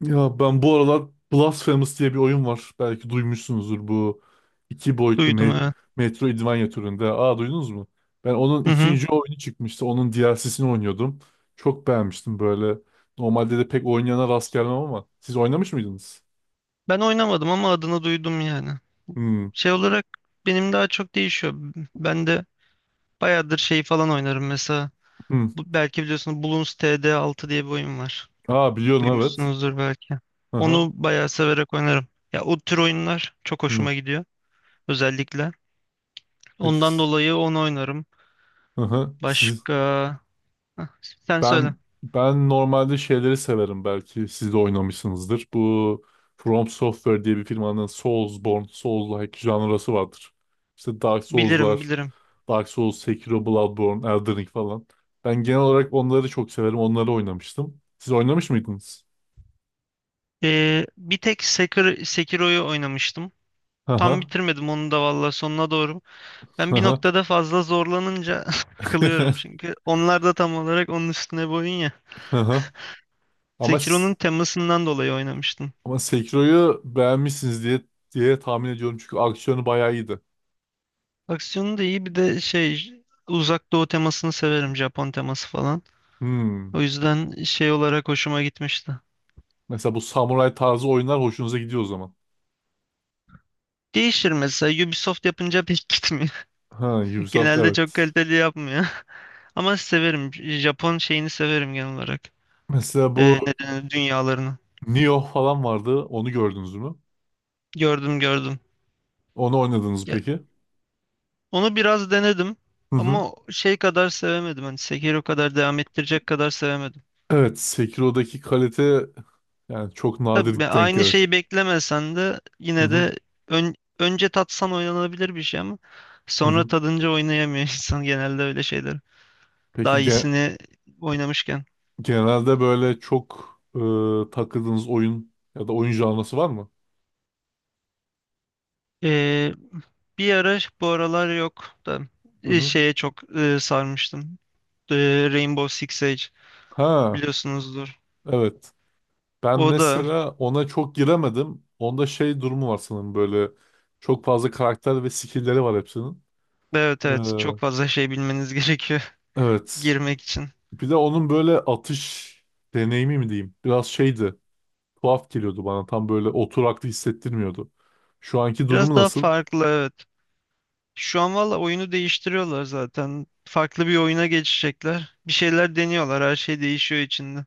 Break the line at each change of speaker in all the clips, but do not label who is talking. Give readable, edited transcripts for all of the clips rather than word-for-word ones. Ya ben bu aralar Blasphemous diye bir oyun var. Belki duymuşsunuzdur bu iki boyutlu
Duydum evet.
Metroidvania türünde. Aa duydunuz mu? Ben onun
Hı hı.
ikinci oyunu çıkmıştı. Onun DLC'sini oynuyordum. Çok beğenmiştim böyle. Normalde de pek oynayana rast gelmem ama. Siz oynamış mıydınız?
Ben oynamadım ama adını duydum yani.
Hmm.
Şey olarak benim daha çok değişiyor. Ben de bayağıdır şey falan oynarım mesela.
Hmm.
Bu, belki biliyorsunuz Bloons TD6 diye bir oyun var.
Aa biliyorum evet.
Duymuşsunuzdur belki.
Aha.
Onu bayağı severek oynarım. Ya o tür oyunlar çok
Hmm.
hoşuma gidiyor özellikle. Ondan
Peki.
dolayı onu oynarım.
Aha.
Başka... Hah, sen söyle.
Ben normalde şeyleri severim belki siz de oynamışsınızdır. Bu From Software diye bir firmanın Soulsborne, Souls-like janrası vardır. İşte Dark Souls'lar,
Bilirim bilirim.
Dark Souls, Sekiro, Bloodborne, Elden Ring falan. Ben genel olarak onları çok severim. Onları oynamıştım. Siz oynamış mıydınız?
Bir tek Sekiro'yu oynamıştım. Tam
Haha.
bitirmedim onu da valla sonuna doğru. Ben bir
Haha.
noktada fazla zorlanınca sıkılıyorum çünkü. Onlar da tam olarak onun üstüne boyun ya.
Haha. Ama s-
Sekiro'nun temasından dolayı oynamıştım.
ama Sekiro'yu beğenmişsiniz diye tahmin ediyorum çünkü aksiyonu bayağı iyiydi.
Aksiyonu da iyi bir de şey uzak doğu temasını severim, Japon teması falan.
Hmm.
O yüzden şey olarak hoşuma gitmişti.
Mesela bu samuray tarzı oyunlar hoşunuza gidiyor o zaman.
Değişir, mesela Ubisoft yapınca pek gitmiyor.
Ha, Ubisoft
Genelde çok
evet.
kaliteli yapmıyor. Ama severim, Japon şeyini severim genel olarak.
Mesela
Ne
bu
denir, dünyalarını.
Nioh falan vardı. Onu gördünüz mü?
Gördüm gördüm.
Onu oynadınız mı peki?
Onu biraz denedim
Hı hı.
ama şey kadar sevemedim. Hani Sekiro kadar devam ettirecek kadar sevemedim.
Evet, Sekiro'daki kalite yani çok
Tabii ben
nadir denk
aynı
gelir.
şeyi beklemesen de
Hı
yine
hı.
de önce tatsan oynanabilir bir şey ama
Hı
sonra
hı.
tadınca oynayamıyor insan, genelde öyle şeyler. Daha
Peki
iyisini oynamışken.
genelde böyle çok takıldığınız oyun ya da oyun janrası var mı?
Ee, Bir ara bu aralar yok da
Hı hı.
şeye çok sarmıştım. Rainbow Six Siege
Ha,
biliyorsunuzdur.
evet. Ben
O da
mesela ona çok giremedim. Onda şey durumu var sanırım böyle çok fazla karakter ve skill'leri var hepsinin.
evet
Ee,
evet, çok fazla şey bilmeniz gerekiyor
evet.
girmek için.
Bir de onun böyle atış deneyimi mi diyeyim? Biraz şeydi. Tuhaf geliyordu bana. Tam böyle oturaklı hissettirmiyordu. Şu anki
Biraz
durumu
daha
nasıl?
farklı evet. Şu an valla oyunu değiştiriyorlar zaten. Farklı bir oyuna geçecekler. Bir şeyler deniyorlar. Her şey değişiyor içinde.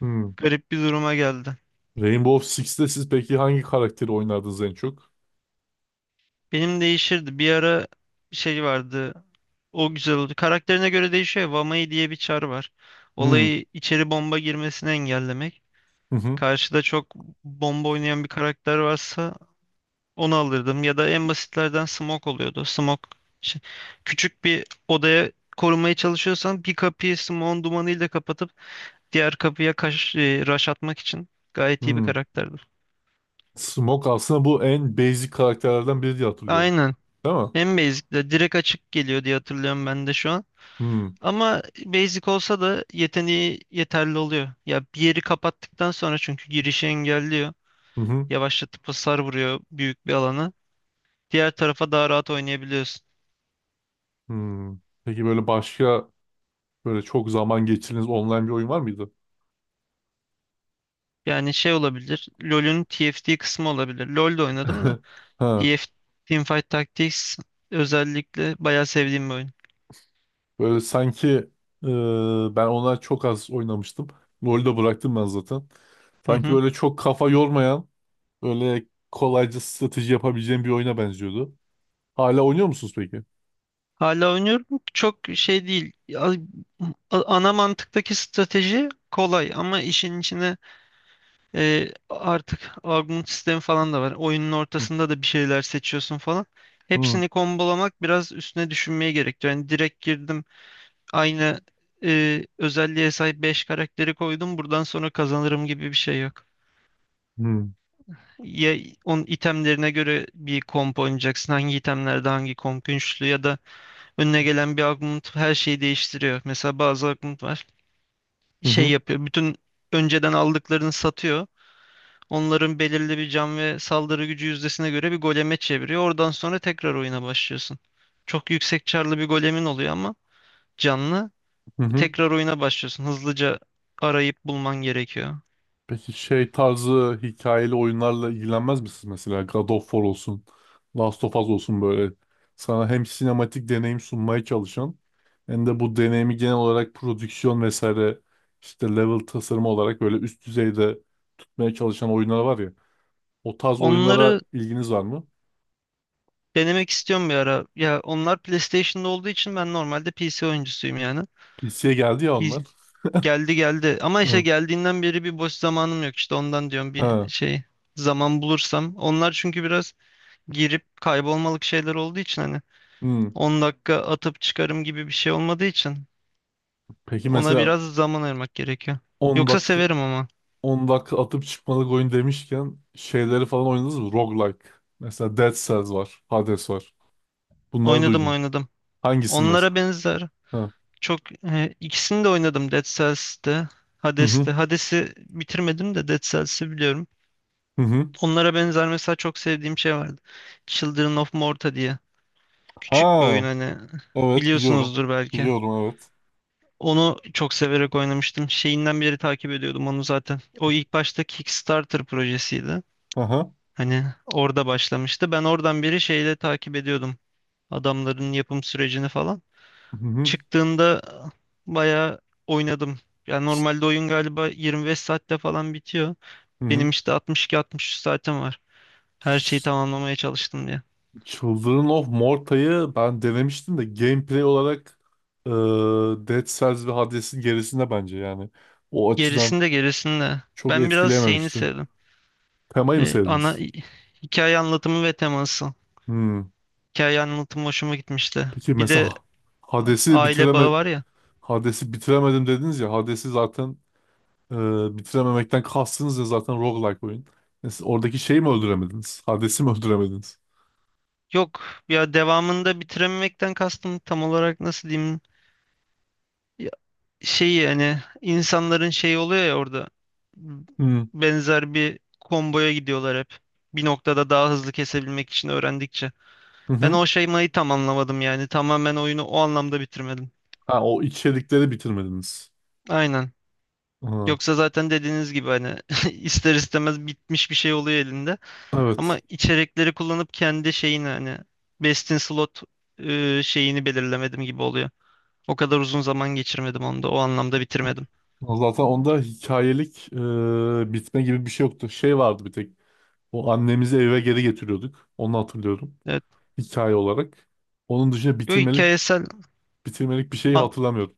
Hmm.
Garip bir duruma geldi.
Rainbow Six'te siz peki hangi karakteri oynardınız en çok?
Benim değişirdi. Bir ara şey vardı. O güzel oldu. Karakterine göre değişiyor. Ya, Vamai diye bir çar var.
Hmm.
Olayı içeri bomba girmesini engellemek.
Hı hı.
Karşıda çok bomba oynayan bir karakter varsa onu alırdım ya da en basitlerden smoke oluyordu. Smoke şey- küçük bir odaya korumaya çalışıyorsan bir kapıyı smoke'un dumanıyla kapatıp diğer kapıya rush atmak için gayet iyi bir
Hmm.
karakterdi.
Smoke aslında bu en basic karakterlerden biri diye hatırlıyorum.
Aynen.
Değil mi?
En basic de direkt açık geliyor diye hatırlıyorum ben de şu an.
Hmm.
Ama basic olsa da yeteneği yeterli oluyor. Ya bir yeri kapattıktan sonra çünkü girişi engelliyor.
Hı hı.
Yavaşlatıp hasar vuruyor büyük bir alana. Diğer tarafa daha rahat oynayabiliyorsun.
Hmm. Peki böyle başka böyle çok zaman geçirdiğiniz online bir oyun var mıydı?
Yani şey olabilir. LoL'ün TFT kısmı olabilir. LoL'de oynadım da.
Ha.
TFT Teamfight Tactics özellikle bayağı sevdiğim bir oyun.
Böyle sanki ben ona çok az oynamıştım. LoL'ü de bıraktım ben zaten.
Hı
Sanki
hı.
böyle çok kafa yormayan, böyle kolayca strateji yapabileceğim bir oyuna benziyordu. Hala oynuyor musunuz peki?
Hala oynuyorum. Çok şey değil. Ya, ana mantıktaki strateji kolay ama işin içine artık augment sistemi falan da var. Oyunun
Hı
ortasında da bir şeyler seçiyorsun falan.
hı
Hepsini kombolamak biraz üstüne düşünmeye gerektiriyor. Yani direkt girdim, aynı özelliğe sahip 5 karakteri koydum. Buradan sonra kazanırım gibi bir şey yok.
hı
Ya, onun itemlerine göre bir komp oynayacaksın. Hangi itemlerde hangi komp güçlü ya da önüne gelen bir augment her şeyi değiştiriyor. Mesela bazı augment var.
hı
Şey
hı.
yapıyor. Bütün önceden aldıklarını satıyor. Onların belirli bir can ve saldırı gücü yüzdesine göre bir goleme çeviriyor. Oradan sonra tekrar oyuna başlıyorsun. Çok yüksek çarlı bir golemin oluyor ama canlı.
Hı.
Tekrar oyuna başlıyorsun. Hızlıca arayıp bulman gerekiyor.
Peki şey tarzı hikayeli oyunlarla ilgilenmez misiniz mesela? God of War olsun, Last of Us olsun böyle. Sana hem sinematik deneyim sunmaya çalışan hem de bu deneyimi genel olarak prodüksiyon vesaire işte level tasarımı olarak böyle üst düzeyde tutmaya çalışan oyunlar var ya. O tarz oyunlara
Onları
ilginiz var mı?
denemek istiyorum bir ara. Ya onlar PlayStation'da olduğu için ben normalde PC oyuncusuyum yani.
PC'ye geldi ya onlar.
C geldi geldi. Ama işte
Hı.
geldiğinden beri bir boş zamanım yok, işte ondan diyorum bir
Ha.
şey zaman bulursam. Onlar çünkü biraz girip kaybolmalık şeyler olduğu için hani
Hı.
10 dakika atıp çıkarım gibi bir şey olmadığı için
Peki
ona
mesela
biraz zaman ayırmak gerekiyor.
10
Yoksa
dak
severim ama.
10 dakika atıp çıkmalık oyun demişken şeyleri falan oynadınız mı? Roguelike. Mesela Dead Cells var. Hades var. Bunları
Oynadım
duydun.
oynadım.
Hangisini mesela?
Onlara benzer.
Ha.
Çok ikisini de oynadım, Dead Cells'te,
Hı hı.
Hades'te. Hades'i bitirmedim de Dead Cells'i biliyorum.
Hı hı.
Onlara benzer mesela çok sevdiğim şey vardı. Children of Morta diye.
Ha.
Küçük bir oyun, hani
Evet biliyorum.
biliyorsunuzdur belki.
Biliyorum evet.
Onu çok severek oynamıştım. Şeyinden beri takip ediyordum onu zaten. O ilk başta Kickstarter projesiydi.
Aha.
Hani orada başlamıştı. Ben oradan beri şeyle takip ediyordum. Adamların yapım sürecini falan.
Hı hı.
Çıktığında bayağı oynadım. Yani normalde oyun galiba 25 saatte falan bitiyor.
Hı hı.
Benim işte 62-63 saatim var. Her şeyi
Ç-
tamamlamaya çalıştım diye.
Children of Morta'yı ben denemiştim de gameplay olarak e, Dead Cells ve Hades'in gerisinde bence yani. O açıdan
Gerisinde gerisinde.
çok
Ben biraz şeyini
etkileyememişti.
sevdim.
Temayı mı
Ana
sevdiniz?
hikaye anlatımı ve teması.
Hmm.
Hikaye anlatımı hoşuma gitmişti.
Peki
Bir de
mesela Hades'i
aile
bitireme
bağı var ya.
Hades'i bitiremedim dediniz ya. Hades'i zaten e, bitirememekten kastınız ya zaten roguelike oyun. Yani siz oradaki şeyi mi öldüremediniz? Hades'i mi öldüremediniz?
Yok ya, devamında bitirememekten kastım tam olarak nasıl diyeyim? Şeyi hani, insanların şeyi oluyor ya orada,
Hı hı.
benzer bir komboya gidiyorlar hep. Bir noktada daha hızlı kesebilmek için öğrendikçe. Ben
Hı.
o şeymayı tam anlamadım yani. Tamamen oyunu o anlamda bitirmedim.
Ha, o içerikleri bitirmediniz.
Aynen.
Aha,
Yoksa zaten dediğiniz gibi hani ister istemez bitmiş bir şey oluyor elinde.
evet.
Ama içerikleri kullanıp kendi şeyini hani, best in slot şeyini belirlemedim gibi oluyor. O kadar uzun zaman geçirmedim onda. O anlamda bitirmedim.
Zaten onda hikayelik bitme gibi bir şey yoktu. Şey vardı bir tek. O annemizi eve geri getiriyorduk. Onu hatırlıyorum.
Evet.
Hikaye olarak. Onun dışında
Yo, hikayesel...
bitirmelik bir şey
a-
hatırlamıyorum.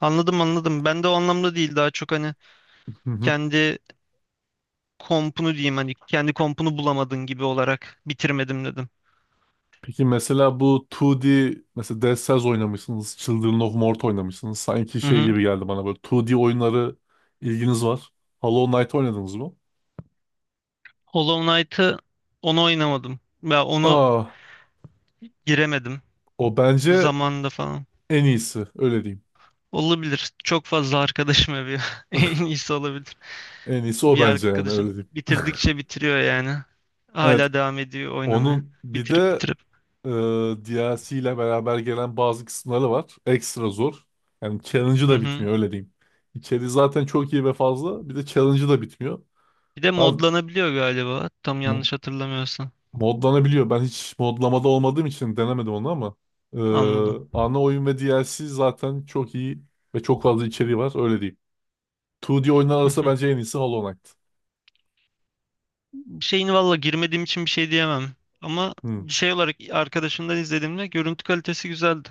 Anladım anladım. Ben de o anlamda değil. Daha çok hani kendi kompunu diyeyim, hani kendi kompunu bulamadın gibi olarak bitirmedim dedim.
Peki mesela bu 2D mesela Dead Cells oynamışsınız, Children of Mort oynamışsınız. Sanki
Hı
şey
hı.
gibi geldi bana böyle 2D oyunları ilginiz var. Hollow Knight oynadınız mı?
Hollow Knight'ı onu oynamadım. Ya onu
Aa,
giremedim
o bence
zamanında falan.
en iyisi öyle diyeyim.
Olabilir. Çok fazla arkadaşım övüyor. En iyisi olabilir.
En iyisi o
Bir
bence yani öyle
arkadaşım
diyeyim.
bitirdikçe bitiriyor yani.
Evet,
Hala devam ediyor oynamaya.
onun bir
Bitirip
de
bitirip.
e, DLC ile beraber gelen bazı kısımları var. Ekstra zor. Yani challenge'ı
Hı
da
hı.
bitmiyor öyle diyeyim. İçeri zaten çok iyi ve fazla. Bir de challenge'ı da bitmiyor.
Bir de
Abi,
modlanabiliyor galiba, tam yanlış hatırlamıyorsam.
modlanabiliyor. Ben hiç modlamada olmadığım için denemedim onu ama eee,
Anladım.
ana oyun ve DLC zaten çok iyi ve çok fazla içeriği var. Öyle diyeyim. 2D oyunlar arasında bence en iyisi Hollow Knight.
Şeyin valla girmediğim için bir şey diyemem. Ama
Hmm.
şey olarak arkadaşımdan izlediğimde görüntü kalitesi güzeldi.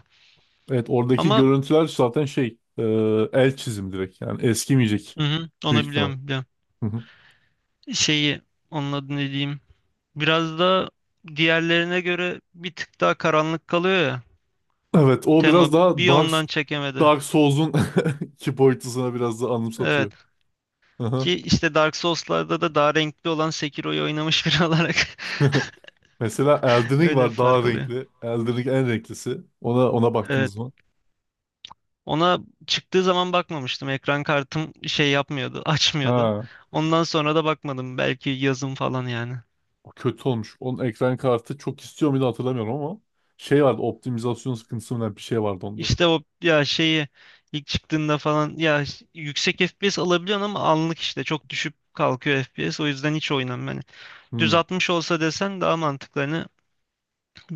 Evet oradaki
Ama
görüntüler zaten şey el çizim direkt. Yani eskimeyecek
hı hı,
büyük
onu
ihtimal.
biliyorum, biliyorum.
Hı hı.
Şeyi, onun adını ne diyeyim. Biraz da diğerlerine göre bir tık daha karanlık kalıyor ya.
Evet o
Tema
biraz daha
bir ondan çekemedi.
Dark Souls'un iki boyutusuna biraz da
Evet.
anımsatıyor. Hı hı.
Ki işte Dark Souls'larda da daha renkli olan Sekiro'yu oynamış biri olarak
Mesela Elden Ring
öyle bir
var daha
fark oluyor.
renkli. Elden Ring en renklisi. Ona
Evet.
baktınız mı?
Ona çıktığı zaman bakmamıştım. Ekran kartım şey yapmıyordu, açmıyordu.
Ha.
Ondan sonra da bakmadım. Belki yazın falan yani.
O kötü olmuş. Onun ekran kartı çok istiyor muydu hatırlamıyorum ama şey vardı optimizasyon sıkıntısı mı ne bir şey vardı onda.
İşte o ya şeyi ilk çıktığında falan ya, yüksek FPS alabiliyorsun ama anlık işte çok düşüp kalkıyor FPS. O yüzden hiç oynamam yani. Düz
Hmm.
60 olsa desen daha mantıklı. Hani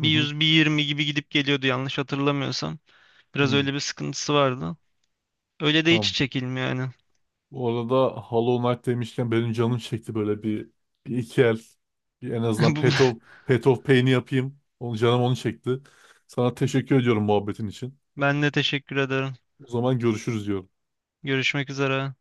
Hı hı.
100 bir 20 gibi gidip geliyordu yanlış hatırlamıyorsam. Biraz
Hı.
öyle bir sıkıntısı vardı. Öyle de hiç
Tamam.
çekilmiyor yani.
Bu arada Hollow Knight demişken benim canım çekti böyle bir iki el. Bir en azından
Bu-
Path of Pain'i yapayım. Canım onu çekti. Sana teşekkür ediyorum muhabbetin için.
Ben de teşekkür ederim.
O zaman görüşürüz diyorum.
Görüşmek üzere.